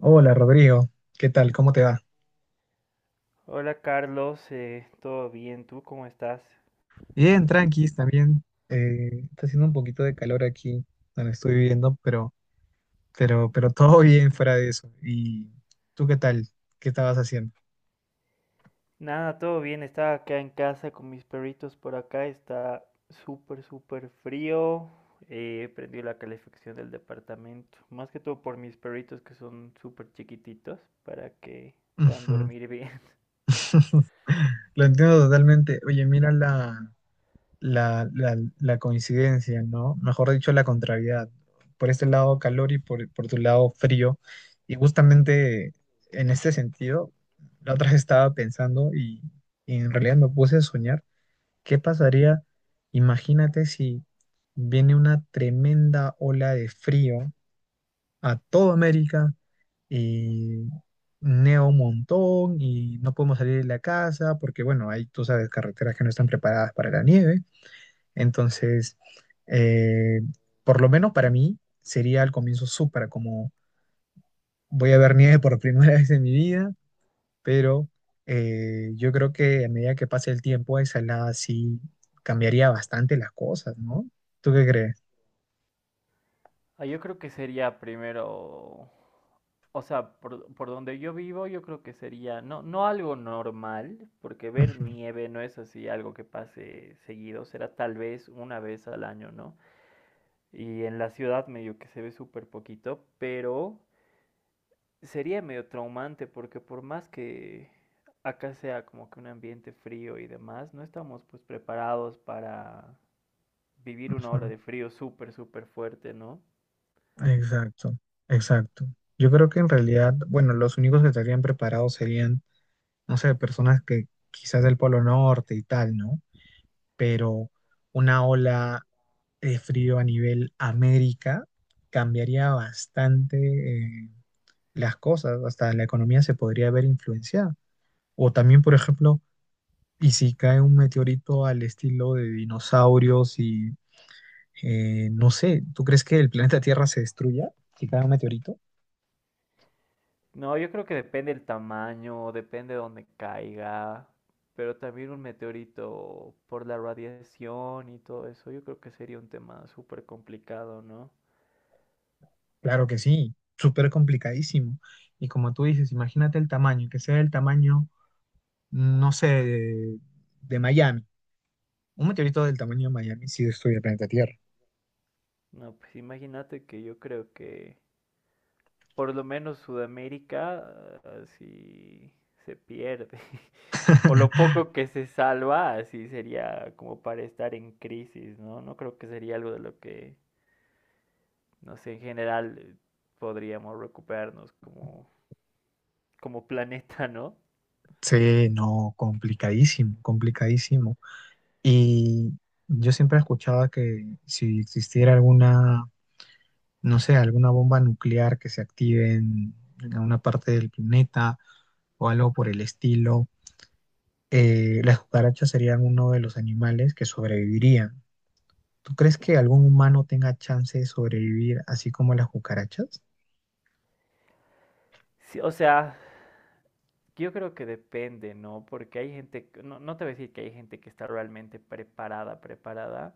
Hola Rodrigo, ¿qué tal? ¿Cómo te va? Hola Carlos, ¿todo bien? ¿Tú cómo estás? Bien, tranquis también. Está haciendo un poquito de calor aquí donde estoy viviendo, pero todo bien fuera de eso. ¿Y tú qué tal? ¿Qué estabas haciendo? Nada, todo bien. Estaba acá en casa con mis perritos por acá. Está súper frío. Prendí la calefacción del departamento, más que todo por mis perritos, que son súper chiquititos para que puedan Ujú. dormir bien. Lo entiendo totalmente. Oye, mira la coincidencia, ¿no? Mejor dicho, la contrariedad, ¿no? Por este lado calor y por tu lado frío. Y justamente en este sentido, la otra vez estaba pensando y en realidad me puse a soñar, ¿qué pasaría? Imagínate si viene una tremenda ola de frío a toda América y neva un montón y no podemos salir de la casa porque, bueno, hay, tú sabes, carreteras que no están preparadas para la nieve. Entonces, eh, por lo menos para mí sería al comienzo súper como voy a ver nieve por primera vez en mi vida, pero yo creo que a medida que pase el tiempo, esa helada sí cambiaría bastante las cosas, ¿no? ¿Tú qué crees? Ah, yo creo que sería primero, o sea, por donde yo vivo, yo creo que sería no algo normal, porque ver Ujú, nieve no es así algo que pase seguido, será tal vez una vez al año, ¿no? Y en la ciudad medio que se ve súper poquito, pero sería medio traumante, porque por más que acá sea como que un ambiente frío y demás, no estamos pues preparados para vivir una ujú. ola de frío súper fuerte, ¿no? Exacto, exacto. Yo creo que en realidad, bueno, los únicos que estarían preparados serían, no sé, personas que quizás del Polo Norte y tal, ¿no? Pero una ola de frío a nivel América cambiaría bastante eh, las cosas, hasta la economía se podría ver influenciada. O también, por ejemplo, y si cae un meteorito al estilo de dinosaurios y no sé, ¿tú crees que el planeta Tierra se destruya si cae un meteorito? No, yo creo que depende el tamaño, depende de dónde caiga, pero también un meteorito, por la radiación y todo eso, yo creo que sería un tema súper complicado, ¿no? Claro que sí, súper complicadísimo. Y como tú dices, imagínate el tamaño, que sea el tamaño, no sé, de Miami. Un meteorito del tamaño de Miami sí destruye el planeta Tierra. No, pues imagínate que yo creo que por lo menos Sudamérica así se pierde. O lo poco que se salva, así sería como para estar en crisis, ¿no? No creo que sería algo de lo que, no sé, en general, podríamos recuperarnos como, como planeta, ¿no? Sí, no, complicadísimo, complicadísimo. Y yo siempre escuchaba que si existiera alguna, no sé, alguna bomba nuclear que se active en alguna parte del planeta o algo por el estilo, las cucarachas serían uno de los animales que sobrevivirían. ¿Tú crees que algún humano tenga chance de sobrevivir así como las cucarachas? Sí, o sea, yo creo que depende, ¿no? Porque hay gente, no, no te voy a decir que hay gente que está realmente preparada, preparada,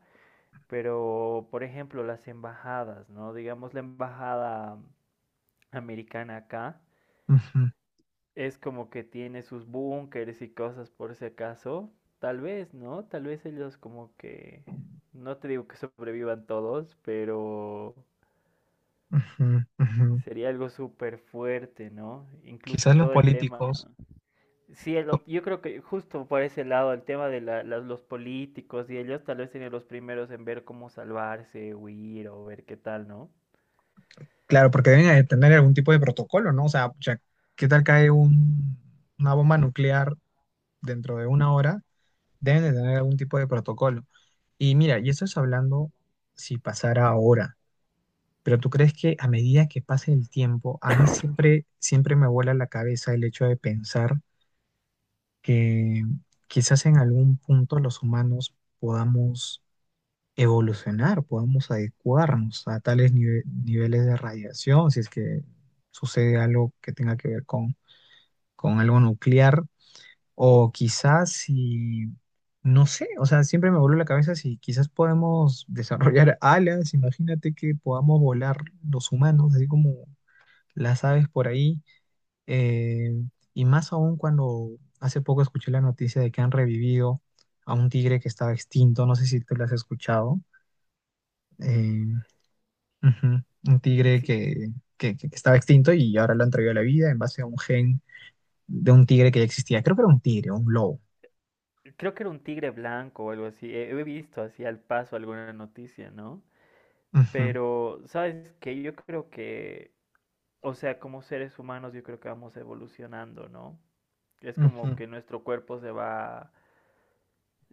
pero por ejemplo las embajadas, ¿no? Digamos, la embajada americana acá Ujú, es como que tiene sus búnkeres y cosas por si acaso. Tal vez, ¿no? Tal vez ellos como que... No te digo que sobrevivan todos, pero ujú, ujú. sería algo súper fuerte, ¿no? Incluso Quizás en los todo el tema. políticos. Sí, yo creo que justo por ese lado, el tema de los políticos, y ellos tal vez serían los primeros en ver cómo salvarse, huir o ver qué tal, ¿no? Claro, porque deben de tener algún tipo de protocolo, ¿no? O sea, ya, ¿qué tal cae una bomba nuclear dentro de una hora? Deben de tener algún tipo de protocolo. Y mira, y eso es hablando si pasara ahora, pero ¿tú crees que a medida que pase el tiempo, a mí siempre, siempre me vuela la cabeza el hecho de pensar que quizás en algún punto los humanos podamos evolucionar, podamos adecuarnos a tales niveles de radiación, si es que sucede algo que tenga que ver con algo nuclear, o quizás si, no sé, o sea, siempre me vuelve la cabeza si quizás podemos desarrollar alas, imagínate que podamos volar los humanos, así como las aves por ahí, eh, y más aún cuando hace poco escuché la noticia de que han revivido a un tigre que estaba extinto, no sé si tú lo has escuchado. Eh, Ujú. Un tigre Sí, que estaba extinto y ahora lo han traído a la vida en base a un gen de un tigre que ya existía. Creo que era un tigre, un lobo. creo que era un tigre blanco o algo así. He visto así al paso alguna noticia, ¿no? Ujú, Pero ¿sabes que Yo creo que, o sea, como seres humanos, yo creo que vamos evolucionando, ¿no? Es como Ujú. que nuestro cuerpo se va,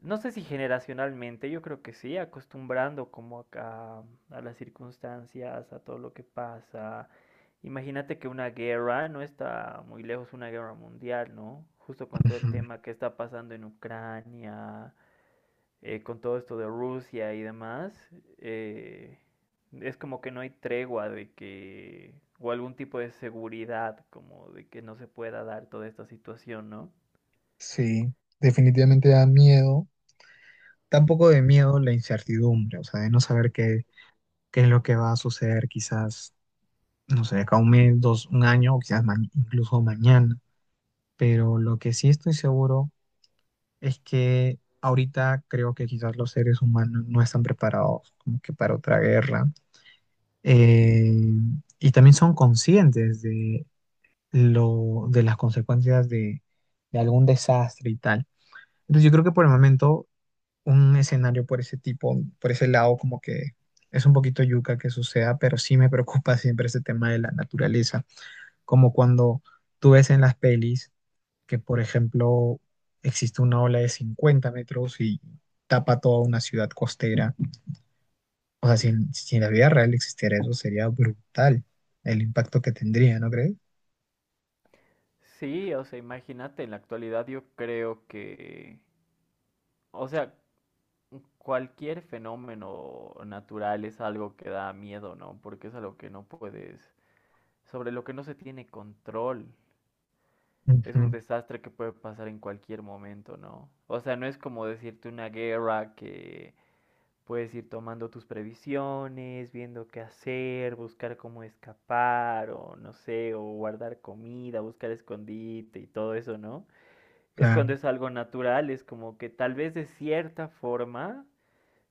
no sé si generacionalmente, yo creo que sí, acostumbrando como a las circunstancias, a todo lo que pasa. Imagínate, que una guerra no está muy lejos, una guerra mundial, ¿no? Justo con todo Ujú. el tema que está pasando en Ucrania, con todo esto de Rusia y demás, eh, es como que no hay tregua de que, o algún tipo de seguridad, como de que no se pueda dar toda esta situación, ¿no? Sí, definitivamente da miedo. Tampoco de miedo la incertidumbre, o sea, de no saber qué es lo que va a suceder quizás, no sé, acá un mes, dos, un año o quizás incluso mañana. Pero lo que sí estoy seguro es que ahorita creo que quizás los seres humanos no están preparados como que para otra guerra, eh, y también son conscientes de las consecuencias de algún desastre y tal. Entonces yo creo que por el momento un escenario por ese tipo, por ese lado, como que es un poquito yuca que suceda, pero sí me preocupa siempre ese tema de la naturaleza, como cuando tú ves en las pelis que, por ejemplo, existe una ola de 50 metros y tapa toda una ciudad costera. O sea, si en la vida real existiera eso, sería brutal el impacto que tendría, ¿no crees? Sí, o sea, imagínate, en la actualidad yo creo que, o sea, cualquier fenómeno natural es algo que da miedo, ¿no? Porque es algo que no puedes, sobre lo que no se tiene control. Es Ujú. un desastre que puede pasar en cualquier momento, ¿no? O sea, no es como decirte, una guerra que puedes ir tomando tus previsiones, viendo qué hacer, buscar cómo escapar, o no sé, o guardar comida, buscar escondite y todo eso, ¿no? Es cuando Claro, es algo natural, es como que tal vez de cierta forma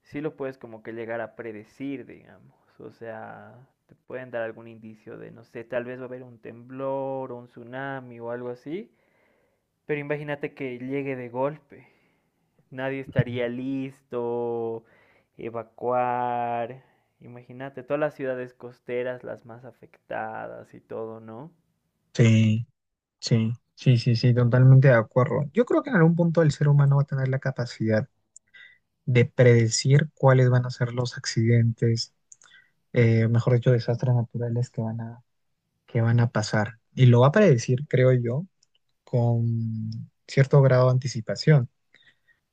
sí lo puedes como que llegar a predecir, digamos. O sea, te pueden dar algún indicio de, no sé, tal vez va a haber un temblor o un tsunami o algo así, pero imagínate que llegue de golpe. Nadie estaría listo, evacuar. Imagínate, todas las ciudades costeras, las más afectadas y todo, ¿no? sí, sí, sí, sí, sí, totalmente de acuerdo. Yo creo que en algún punto el ser humano va a tener la capacidad de predecir cuáles van a ser los accidentes, mejor dicho, desastres naturales que van a, pasar. Y lo va a predecir, creo yo, con cierto grado de anticipación.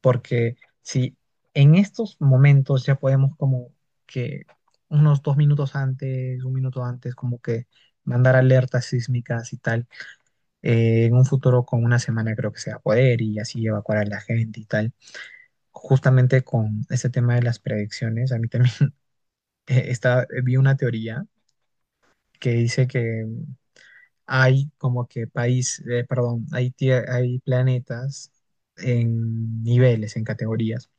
Porque si en estos momentos ya podemos como que unos 2 minutos antes, un minuto antes, como que mandar alertas sísmicas y tal, en un futuro con una semana creo que se va a poder y así evacuar a la gente y tal. Justamente con este tema de las predicciones, a mí también vi una teoría que dice que hay como que país, perdón, hay planetas en niveles, en categorías.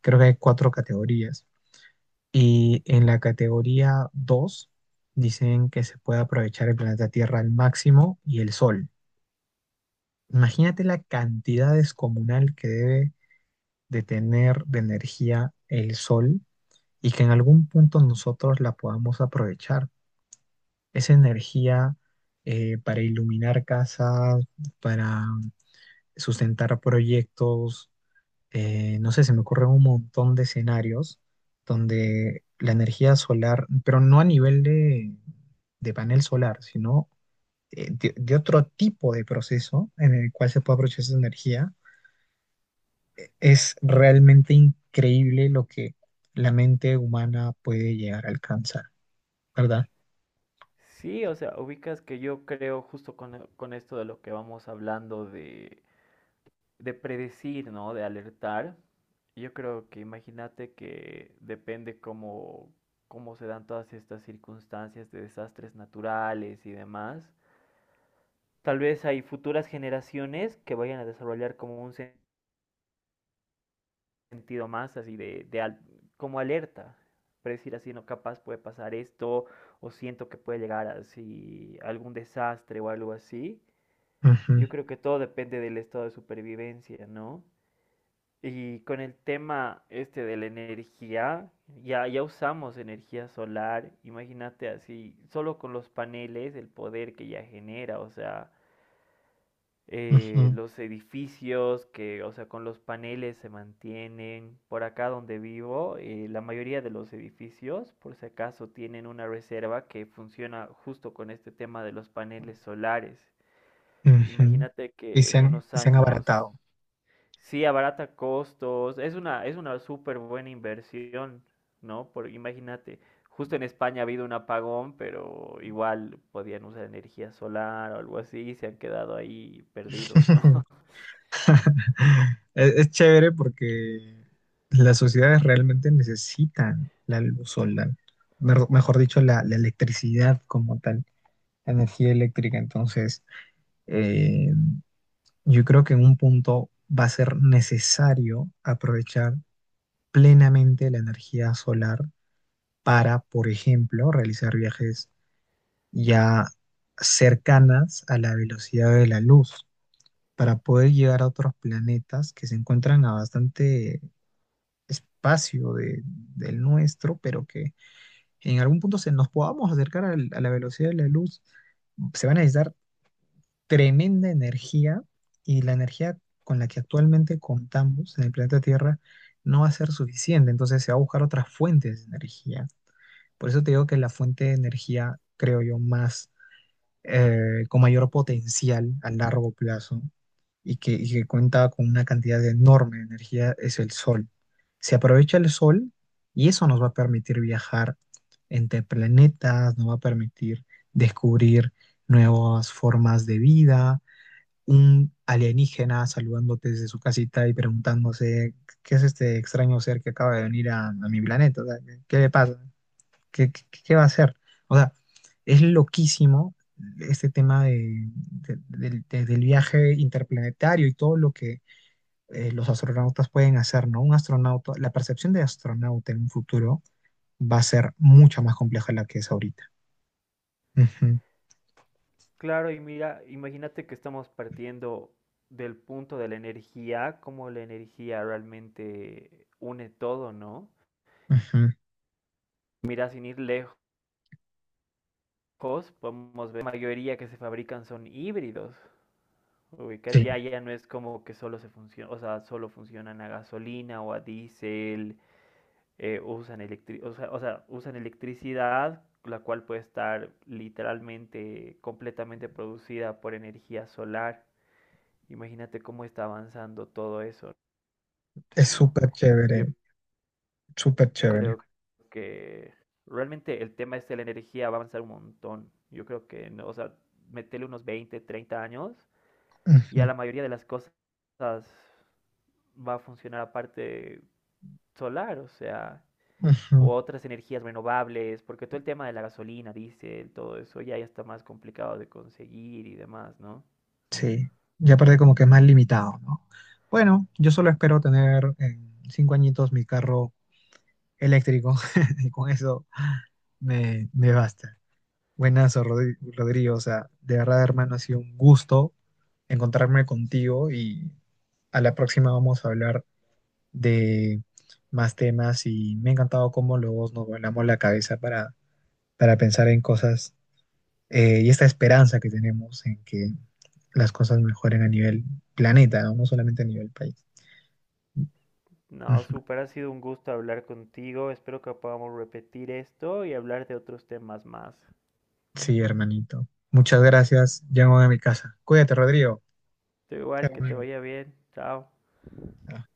Creo que hay 4 categorías. Y en la categoría 2 dicen que se puede aprovechar el planeta Tierra al máximo y el Sol. Imagínate la cantidad descomunal que debe de tener de energía el Sol y que en algún punto nosotros la podamos aprovechar. Esa energía, para iluminar casas, para sustentar proyectos, no sé, se me ocurre un montón de escenarios donde la energía solar, pero no a nivel de panel solar, sino de otro tipo de proceso en el cual se puede aprovechar esa energía, es realmente increíble lo que la mente humana puede llegar a alcanzar, ¿verdad? Sí, o sea, ubicas que yo creo, justo con esto de lo que vamos hablando, de predecir, ¿no? De alertar. Yo creo que, imagínate, que depende cómo, cómo se dan todas estas circunstancias de desastres naturales y demás. Tal vez hay futuras generaciones que vayan a desarrollar como un sentido más así de, como alerta, predecir así, no, capaz puede pasar esto, o siento que puede llegar así algún desastre o algo así. Ujú, Yo creo que todo depende del estado de supervivencia, ¿no? Y con el tema este de la energía, ya usamos energía solar. Imagínate, así, solo con los paneles, el poder que ya genera, o sea, ujú, los edificios que, o sea, con los paneles se mantienen. Por acá donde vivo, la mayoría de los edificios, por si acaso, tienen una reserva que funciona justo con este tema de los paneles solares. ujú. Imagínate Y que se en han, unos y se han años abaratado. sí abarata costos, es una súper buena inversión, ¿no? Por, imagínate. Justo en España ha habido un apagón, pero igual podían usar energía solar o algo así, y se han quedado ahí perdidos, ¿no? Es chévere porque las sociedades realmente necesitan la luz solar, mejor dicho, la electricidad como tal, la energía eléctrica. Entonces, eh, yo creo que en un punto va a ser necesario aprovechar plenamente la energía solar para, por ejemplo, realizar viajes ya cercanas a la velocidad de la luz, para poder llegar a otros planetas que se encuentran a bastante espacio del nuestro, pero que en algún punto se nos podamos acercar a la velocidad de la luz, se va a necesitar tremenda energía y la energía con la que actualmente contamos en el planeta Tierra no va a ser suficiente, entonces se va a buscar otras fuentes de energía. Por eso te digo que la fuente de energía, creo yo, más con mayor potencial a largo plazo y que cuenta con una cantidad enorme de energía es el sol. Se aprovecha el sol y eso nos va a permitir viajar entre planetas, nos va a permitir descubrir nuevas formas de vida. Un alienígena saludándote desde su casita y preguntándose, ¿qué es este extraño ser que acaba de venir a mi planeta? O sea, ¿qué le pasa? ¿Qué va a hacer? O sea, es loquísimo este tema del viaje interplanetario y todo lo que los astronautas pueden hacer, ¿no? Un astronauta, la percepción de astronauta en un futuro va a ser mucho más compleja de la que es ahorita. Ujú, Claro, y mira, imagínate que estamos partiendo del punto de la energía, como la energía realmente une todo, ¿no? ujú. Mira, sin ir lejos, podemos ver la mayoría que se fabrican son híbridos. Ubicas, Sí, ya no es como que solo se funciona, o sea, solo funcionan a gasolina o a diésel, usan o sea, usan electricidad, la cual puede estar literalmente completamente producida por energía solar. Imagínate cómo está avanzando todo eso, es ¿no? súper Yo chévere, súper chévere. creo que realmente el tema este de la energía va a avanzar un montón. Yo creo que, no, o sea, meterle unos 20, 30 años, y a Ujú, la mayoría de las cosas va a funcionar aparte solar, o sea, ujú. o otras energías renovables, porque todo el tema de la gasolina, diésel, todo eso ya está más complicado de conseguir y demás, ¿no? Sí, ya aparte como que es más limitado, ¿no? Bueno, yo solo espero tener en 5 añitos mi carro eléctrico y con eso. Me basta. Buenas, Rodrigo. O sea, de verdad, hermano, ha sido un gusto encontrarme contigo y a la próxima vamos a hablar de más temas y me ha encantado cómo los dos nos volamos la cabeza para, pensar en cosas, y esta esperanza que tenemos en que las cosas mejoren a nivel planeta, no, no solamente a nivel país. No, Ujú. súper, ha sido un gusto hablar contigo. Espero que podamos repetir esto y hablar de otros temas más. Sí, hermanito. Muchas gracias. Llamo a mi casa. Cuídate, Rodrigo. Tú Chao, igual, que te amigo. vaya bien. Chao. Ajá.